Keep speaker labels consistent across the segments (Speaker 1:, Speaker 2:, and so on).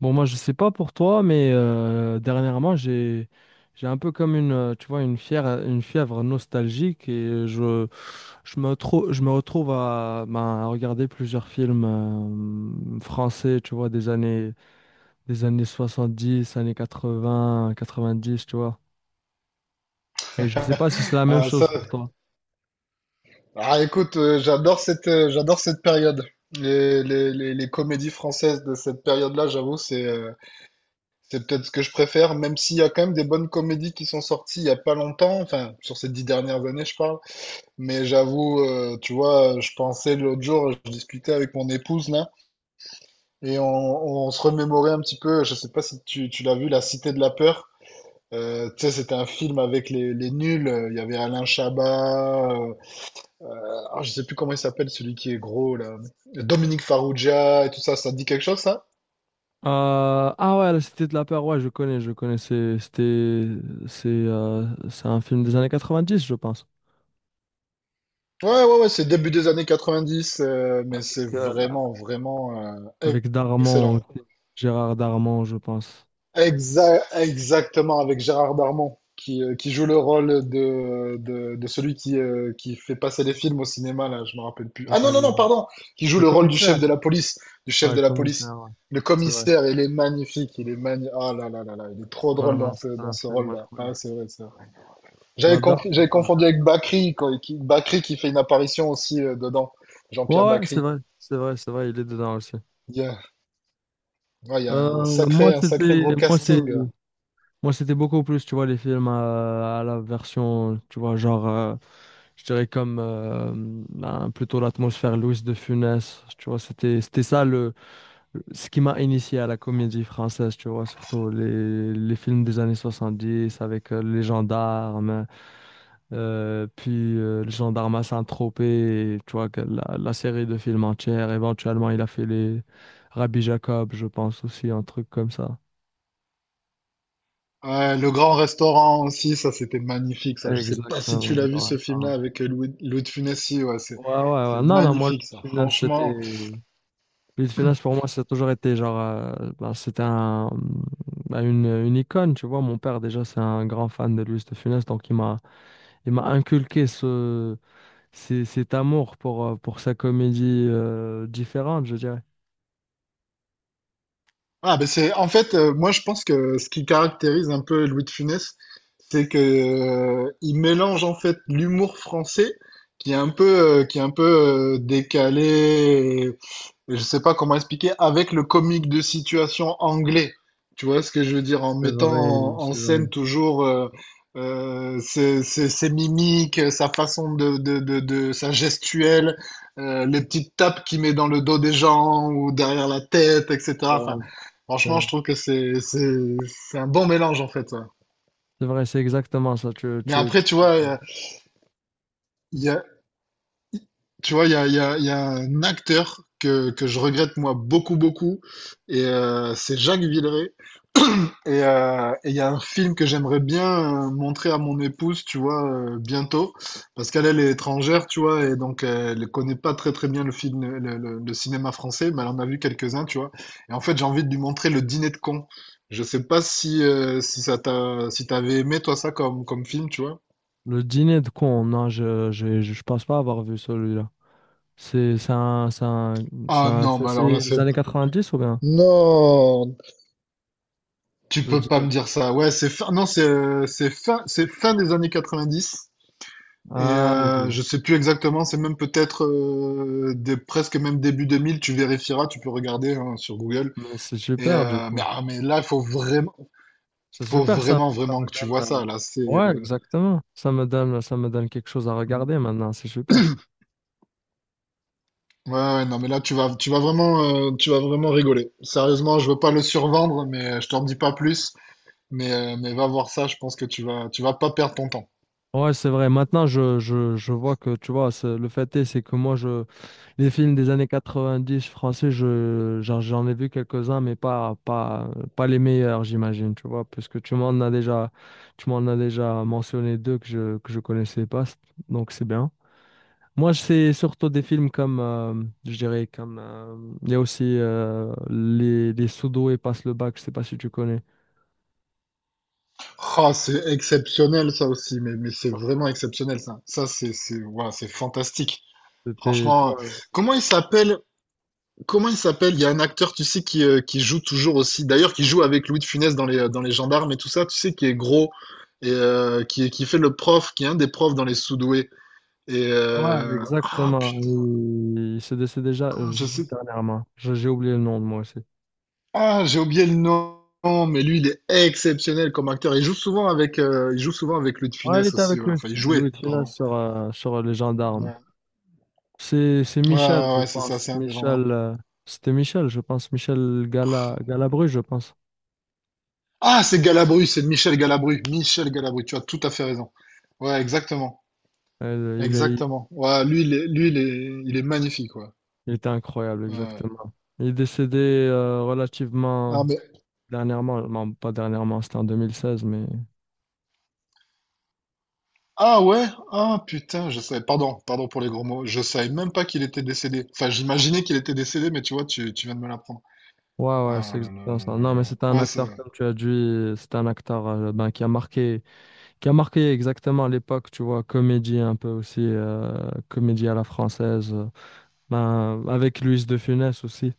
Speaker 1: Bon, moi, je sais pas pour toi, mais dernièrement, j'ai un peu comme une fièvre, une fièvre nostalgique et je me retrouve à, ben, à regarder plusieurs films français, tu vois, des années 70 années quatre-vingts quatre-vingt-dix tu vois. Et je sais pas si c'est la même
Speaker 2: Ah,
Speaker 1: chose
Speaker 2: ça...
Speaker 1: pour toi.
Speaker 2: ah, j'adore j'adore cette période. Les comédies françaises de cette période-là, j'avoue, c'est peut-être ce que je préfère, même s'il y a quand même des bonnes comédies qui sont sorties il y a pas longtemps, enfin, sur ces 10 dernières années, je parle. Mais j'avoue, tu vois, je pensais l'autre jour, je discutais avec mon épouse, là, et on se remémorait un petit peu, je sais pas si tu l'as vu, La Cité de la Peur. Tu sais, c'était un film avec les Nuls. Il y avait Alain Chabat, ah, je sais plus comment il s'appelle, celui qui est gros, là. Dominique Farrugia et tout ça, ça te dit quelque chose, ça?
Speaker 1: Ah ouais, la Cité de la Peur, ouais, je connais, je connais, c'est un film des années 90 je pense.
Speaker 2: Ouais, ouais, ouais, c'est début des années 90, mais c'est vraiment, vraiment e-
Speaker 1: Avec Darman,
Speaker 2: excellent.
Speaker 1: aussi. Gérard Darman, je pense.
Speaker 2: Exactement, avec Gérard Darmon, qui joue le rôle de celui qui fait passer les films au cinéma, là, je me rappelle plus. Ah
Speaker 1: Ouais,
Speaker 2: non, non, non, pardon, qui joue
Speaker 1: le
Speaker 2: le rôle du chef
Speaker 1: commissaire.
Speaker 2: de la police, du chef
Speaker 1: Ouais, le
Speaker 2: de la police.
Speaker 1: commissaire, ouais.
Speaker 2: Le
Speaker 1: C'est vrai.
Speaker 2: commissaire, il est magnifique, il est magnifique. Ah là là là là, il est trop
Speaker 1: Non,
Speaker 2: drôle dans
Speaker 1: non, c'est
Speaker 2: dans
Speaker 1: un
Speaker 2: ce
Speaker 1: film
Speaker 2: rôle-là.
Speaker 1: incroyable.
Speaker 2: Ah, c'est vrai, c'est vrai.
Speaker 1: J'adore,
Speaker 2: J'avais
Speaker 1: j'adore,
Speaker 2: confondu
Speaker 1: j'adore.
Speaker 2: avec Bakri, quoi, Bakri qui fait une apparition aussi dedans.
Speaker 1: Ouais,
Speaker 2: Jean-Pierre
Speaker 1: ouais, c'est
Speaker 2: Bakri.
Speaker 1: vrai. C'est vrai, c'est vrai, il est dedans aussi.
Speaker 2: Il y a, ouais, il y a
Speaker 1: Euh, moi,
Speaker 2: un sacré
Speaker 1: c'était,
Speaker 2: gros
Speaker 1: moi, c'est,
Speaker 2: casting.
Speaker 1: moi, c'était beaucoup plus, tu vois, les films à la version, tu vois, genre, je dirais comme ben, plutôt l'atmosphère Louis de Funès. Tu vois, c'était ça le, ce qui m'a initié à la comédie française, tu vois, surtout les films des années 70 avec les gendarmes, puis les gendarmes à Saint-Tropez, et tu vois, que la série de films entière. Éventuellement, il a fait les Rabbi Jacob, je pense aussi, un truc comme ça.
Speaker 2: Ouais, Le Grand Restaurant aussi, ça c'était magnifique, ça. Je sais pas si tu
Speaker 1: Exactement.
Speaker 2: l'as vu ce
Speaker 1: Ouais,
Speaker 2: film-là avec Louis de Funès. Si, ouais,
Speaker 1: ouais,
Speaker 2: c'est
Speaker 1: ouais. Non, non, moi, le
Speaker 2: magnifique, ça.
Speaker 1: film, c'était.
Speaker 2: Franchement.
Speaker 1: Louis de Funès, pour moi, ça a toujours été genre, c'était une une icône, tu vois. Mon père, déjà, c'est un grand fan de Louis de Funès, donc il m'a inculqué cet amour pour sa comédie différente, je dirais.
Speaker 2: Ah, ben en fait, moi je pense que ce qui caractérise un peu Louis de Funès, c'est que il mélange en fait l'humour français qui est un peu, qui est un peu décalé, je sais pas comment expliquer, avec le comique de situation anglais. Tu vois ce que je veux dire, en
Speaker 1: C'est
Speaker 2: mettant
Speaker 1: vrai,
Speaker 2: en
Speaker 1: c'est vrai,
Speaker 2: scène toujours ses mimiques, sa façon sa gestuelle, les petites tapes qu'il met dans le dos des gens ou derrière la tête,
Speaker 1: c'est
Speaker 2: etc.
Speaker 1: vrai,
Speaker 2: Enfin,
Speaker 1: c'est
Speaker 2: franchement,
Speaker 1: vrai.
Speaker 2: je trouve que c'est un bon mélange en fait, ça.
Speaker 1: C'est vrai, c'est exactement ça.
Speaker 2: Mais après, tu vois, il y a, tu vois, il y a un acteur que je regrette moi beaucoup, beaucoup, et c'est Jacques Villeray. Et il y a un film que j'aimerais bien montrer à mon épouse, tu vois, bientôt, parce qu'elle est étrangère, tu vois, et donc elle connaît pas très très bien le film, le cinéma français, mais elle en a vu quelques-uns, tu vois. Et en fait, j'ai envie de lui montrer Le Dîner de cons. Je sais pas si si ça t'a si t'avais aimé toi ça comme film, tu vois.
Speaker 1: Le dîner de con, non, je je pense pas avoir vu celui-là. C'est un, c'est un- c'est
Speaker 2: Ah
Speaker 1: un-
Speaker 2: non, mais
Speaker 1: c'est
Speaker 2: alors là
Speaker 1: les
Speaker 2: c'est
Speaker 1: années 90 ou bien?
Speaker 2: non, tu
Speaker 1: Le
Speaker 2: peux pas
Speaker 1: dîner.
Speaker 2: me dire ça. Ouais, c'est fin, non c'est c'est fin des années 90. Et
Speaker 1: Ah,
Speaker 2: euh,
Speaker 1: ok.
Speaker 2: je sais plus exactement, c'est même peut-être presque même début 2000. Tu vérifieras, tu peux regarder hein, sur Google.
Speaker 1: Mais c'est
Speaker 2: Et
Speaker 1: super, du
Speaker 2: euh,
Speaker 1: coup.
Speaker 2: mais là,
Speaker 1: C'est
Speaker 2: faut
Speaker 1: super, ça.
Speaker 2: vraiment,
Speaker 1: Ça
Speaker 2: vraiment
Speaker 1: me
Speaker 2: que tu vois
Speaker 1: donne, euh,
Speaker 2: ça. Là, c'est
Speaker 1: Ouais, exactement. Ça me donne quelque chose à
Speaker 2: non.
Speaker 1: regarder maintenant. C'est super.
Speaker 2: Ouais, ouais, non, mais là, tu vas vraiment rigoler. Sérieusement, je veux pas le survendre, mais je t'en dis pas plus. Mais va voir ça, je pense que tu vas pas perdre ton temps.
Speaker 1: Ouais, c'est vrai. Maintenant, je vois que, tu vois, c'est- le fait est, c'est que moi, je, les films des années 90 français, je, j'en ai vu quelques-uns, mais pas les meilleurs, j'imagine, tu vois, puisque tu m'en as déjà mentionné deux que je connaissais pas. Donc, c'est bien. Moi, je sais surtout des films comme, je dirais, comme, il y a aussi les Sodo et Passe le bac, je sais pas si tu connais.
Speaker 2: Ah, c'est exceptionnel ça aussi, mais c'est vraiment exceptionnel ça. Ça, voilà, c'est fantastique.
Speaker 1: C'était, tu
Speaker 2: Franchement,
Speaker 1: vois,
Speaker 2: comment il s'appelle? Comment il s'appelle? Il y a un acteur, tu sais, qui joue toujours aussi. D'ailleurs, qui joue avec Louis de Funès dans dans Les Gendarmes et tout ça, tu sais, qui est gros et qui fait le prof, qui est un des profs dans Les Sous-doués.
Speaker 1: ouais,
Speaker 2: Ah,
Speaker 1: exactement.
Speaker 2: putain,
Speaker 1: Il s'est décédé déjà
Speaker 2: je
Speaker 1: juste
Speaker 2: sais.
Speaker 1: dernièrement. Je- J'ai oublié le nom de moi aussi.
Speaker 2: Ah, j'ai oublié le nom, mais lui, il est exceptionnel comme acteur. Il joue souvent avec Louis de
Speaker 1: Ouais, il
Speaker 2: Funès
Speaker 1: était
Speaker 2: aussi.
Speaker 1: avec
Speaker 2: Ouais.
Speaker 1: lui,
Speaker 2: Enfin, il
Speaker 1: Louis
Speaker 2: jouait,
Speaker 1: de Funès
Speaker 2: pardon.
Speaker 1: sur, sur les gendarmes.
Speaker 2: Ouais,
Speaker 1: C'est
Speaker 2: ouais,
Speaker 1: Michel,
Speaker 2: ouais,
Speaker 1: je
Speaker 2: ouais, c'est ça,
Speaker 1: pense.
Speaker 2: c'est un des gendarmes.
Speaker 1: C'était Michel, je pense. Michel Gala, Galabru, je pense.
Speaker 2: Ah, c'est Galabru, c'est Michel Galabru. Michel Galabru, tu as tout à fait raison. Ouais, exactement.
Speaker 1: Euh, il est,
Speaker 2: Exactement. Ouais, lui, il est magnifique, ouais.
Speaker 1: il était incroyable,
Speaker 2: Ouais.
Speaker 1: exactement. Il est décédé relativement.
Speaker 2: Ah, mais,
Speaker 1: Dernièrement, non, pas dernièrement, c'était en 2016, mais
Speaker 2: ah, ouais? Ah, putain, je savais, pardon, pardon pour les gros mots. Je savais même pas qu'il était décédé. Enfin, j'imaginais qu'il était décédé, mais tu vois, tu viens de me l'apprendre.
Speaker 1: ouais, ouais,
Speaker 2: Ah,
Speaker 1: c'est
Speaker 2: là, là,
Speaker 1: exactement
Speaker 2: là,
Speaker 1: ça.
Speaker 2: là,
Speaker 1: Non,
Speaker 2: là.
Speaker 1: mais
Speaker 2: Là.
Speaker 1: c'était un
Speaker 2: Ouais,
Speaker 1: acteur, comme tu as dit, c'était un acteur ben, qui a marqué exactement l'époque, tu vois, comédie un peu aussi, comédie à la française, ben, avec Luis de Funès aussi.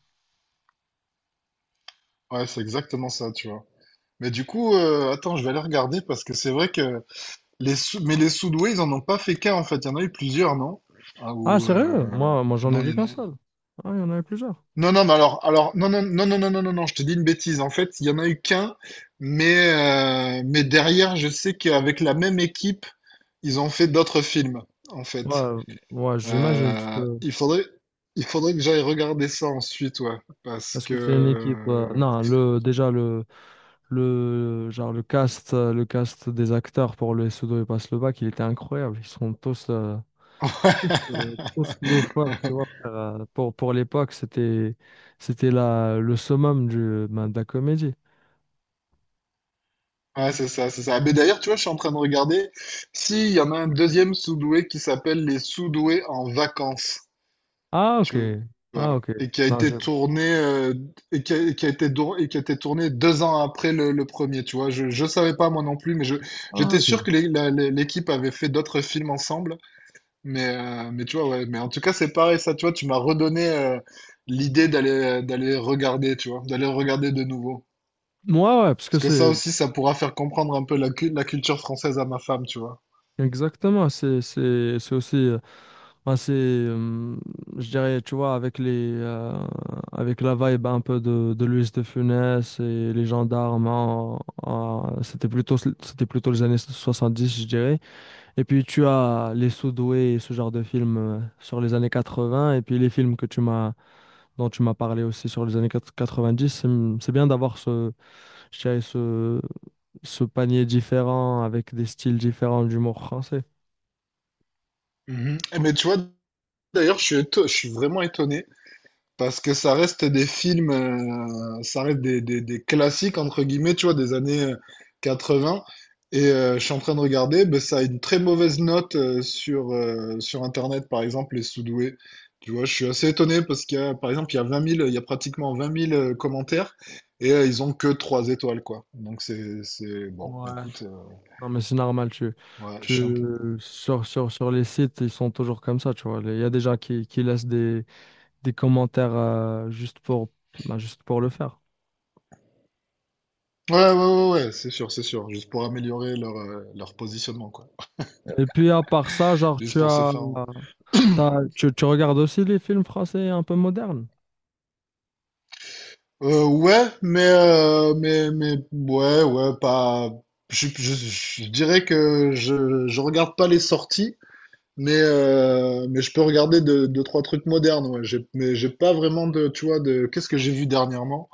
Speaker 2: ouais, c'est exactement ça, tu vois. Mais du coup, attends, je vais aller regarder parce que c'est vrai que les Sous-doués, ils en ont pas fait qu'un, en fait. Il y en a eu plusieurs, non? Ah,
Speaker 1: Ah,
Speaker 2: ou,
Speaker 1: sérieux? Moi, moi j'en ai
Speaker 2: non, il
Speaker 1: vu
Speaker 2: y en
Speaker 1: qu'un
Speaker 2: a...
Speaker 1: seul. Ah, il y en avait plusieurs.
Speaker 2: Non, non, mais alors, non, non, non, non, non, non, non, non, je te dis une bêtise. En fait, il y en a eu qu'un, mais derrière, je sais qu'avec la même équipe, ils ont fait d'autres films, en fait.
Speaker 1: Ouais, ouais, j'imagine.
Speaker 2: Euh, il faudrait, il faudrait que j'aille regarder ça ensuite, ouais, parce
Speaker 1: Parce que c'est une équipe.
Speaker 2: que...
Speaker 1: Non, le, déjà, le, genre, le cast des acteurs pour le Sudo et passe le bac, il était incroyable. Ils sont tous loufoques, tu vois. Pour l'époque, c'était, c'était la, le summum du, ben, de la comédie.
Speaker 2: ouais, c'est ça, c'est ça. Mais d'ailleurs, tu vois, je suis en train de regarder si il y en a un deuxième Sous-doué qui s'appelle Les Sous-doués en vacances.
Speaker 1: Ah, ok.
Speaker 2: Tu
Speaker 1: Ah,
Speaker 2: vois,
Speaker 1: ok. Non, j'ai-
Speaker 2: et qui a été tourné 2 ans après le premier, tu vois. Je savais pas moi non plus, mais je
Speaker 1: Ah,
Speaker 2: j'étais
Speaker 1: ok.
Speaker 2: sûr que l'équipe avait fait d'autres films ensemble, mais tu vois ouais, mais en tout cas c'est pareil ça, tu vois, tu m'as redonné l'idée d'aller regarder, tu vois, d'aller regarder de nouveau.
Speaker 1: Moi, ouais, parce que
Speaker 2: Parce que ça
Speaker 1: c'est.
Speaker 2: aussi, ça pourra faire comprendre un peu la culture française à ma femme, tu vois.
Speaker 1: Exactement, c'est aussi ben, c'est je dirais tu vois avec les avec la vibe un peu de Luis de Funès et les gendarmes c'était plutôt les années 70 je dirais et puis tu as les Sudoués et ce genre de films sur les années 80 et puis les films que tu m'as dont tu m'as parlé aussi sur les années 90 c'est bien d'avoir ce je dirais ce ce panier différent avec des styles différents d'humour français.
Speaker 2: Mhm. Mais tu vois, d'ailleurs, je suis vraiment étonné. Parce que ça reste des classiques, entre guillemets, tu vois, des années 80. Et je suis en train de regarder, ben, ça a une très mauvaise note sur Internet, par exemple, Les Soudoués. Tu vois, je suis assez étonné parce qu'il y a, par exemple, il y a pratiquement 20 000 commentaires et ils ont que 3 étoiles, quoi. Donc bon,
Speaker 1: Ouais.
Speaker 2: écoute,
Speaker 1: Non, mais c'est normal,
Speaker 2: ouais, je
Speaker 1: tu,
Speaker 2: suis un peu...
Speaker 1: sur les sites, ils sont toujours comme ça, tu vois. Il y a des gens qui laissent des commentaires juste pour, bah, juste pour le faire.
Speaker 2: Ouais, ouais, ouais, ouais, c'est sûr, c'est sûr. Juste pour améliorer leur positionnement, quoi.
Speaker 1: Et puis, à part ça, genre,
Speaker 2: Juste
Speaker 1: tu
Speaker 2: pour se
Speaker 1: as,
Speaker 2: faire...
Speaker 1: t'as- tu regardes aussi les films français un peu modernes?
Speaker 2: Ouais, ouais, ouais, pas. Je, je, je dirais que je regarde pas les sorties, mais je peux regarder deux, trois trucs modernes, ouais. Mais j'ai pas vraiment de, tu vois, de. Qu'est-ce que j'ai vu dernièrement?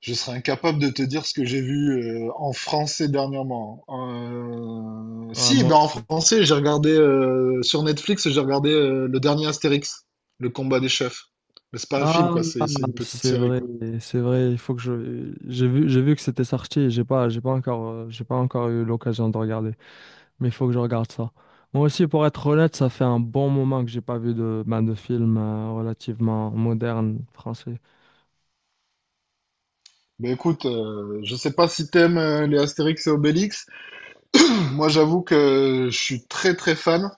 Speaker 2: Je serais incapable de te dire ce que j'ai vu en français dernièrement.
Speaker 1: Ouais,
Speaker 2: Si, ben
Speaker 1: moi.
Speaker 2: en français, j'ai regardé sur Netflix, j'ai regardé le dernier Astérix, Le Combat des Chefs. Mais c'est pas un film,
Speaker 1: Ah,
Speaker 2: quoi, c'est une petite
Speaker 1: c'est
Speaker 2: série,
Speaker 1: vrai,
Speaker 2: quoi.
Speaker 1: c'est vrai. Il faut que je, j'ai vu que c'était sorti. Et j'ai pas encore eu l'occasion de regarder. Mais il faut que je regarde ça. Moi aussi, pour être honnête, ça fait un bon moment que j'ai pas vu de film relativement moderne français.
Speaker 2: Ben écoute, je sais pas si t'aimes les Astérix et Obélix. Moi, j'avoue que je suis très très fan,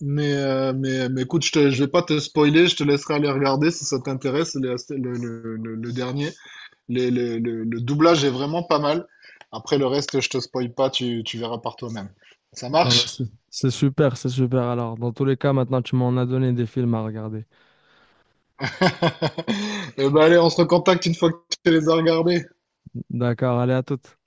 Speaker 2: mais écoute, je vais pas te spoiler, je te laisserai aller regarder si ça t'intéresse les Asté- le dernier. Le doublage est vraiment pas mal. Après le reste, je te spoil pas, tu verras par toi-même. Ça
Speaker 1: Ah bah,
Speaker 2: marche?
Speaker 1: c'est super, c'est super. Alors, dans tous les cas, maintenant, tu m'en as donné des films à regarder.
Speaker 2: Eh ben allez, on se recontacte une fois que tu les as regardés.
Speaker 1: D'accord, allez à toutes.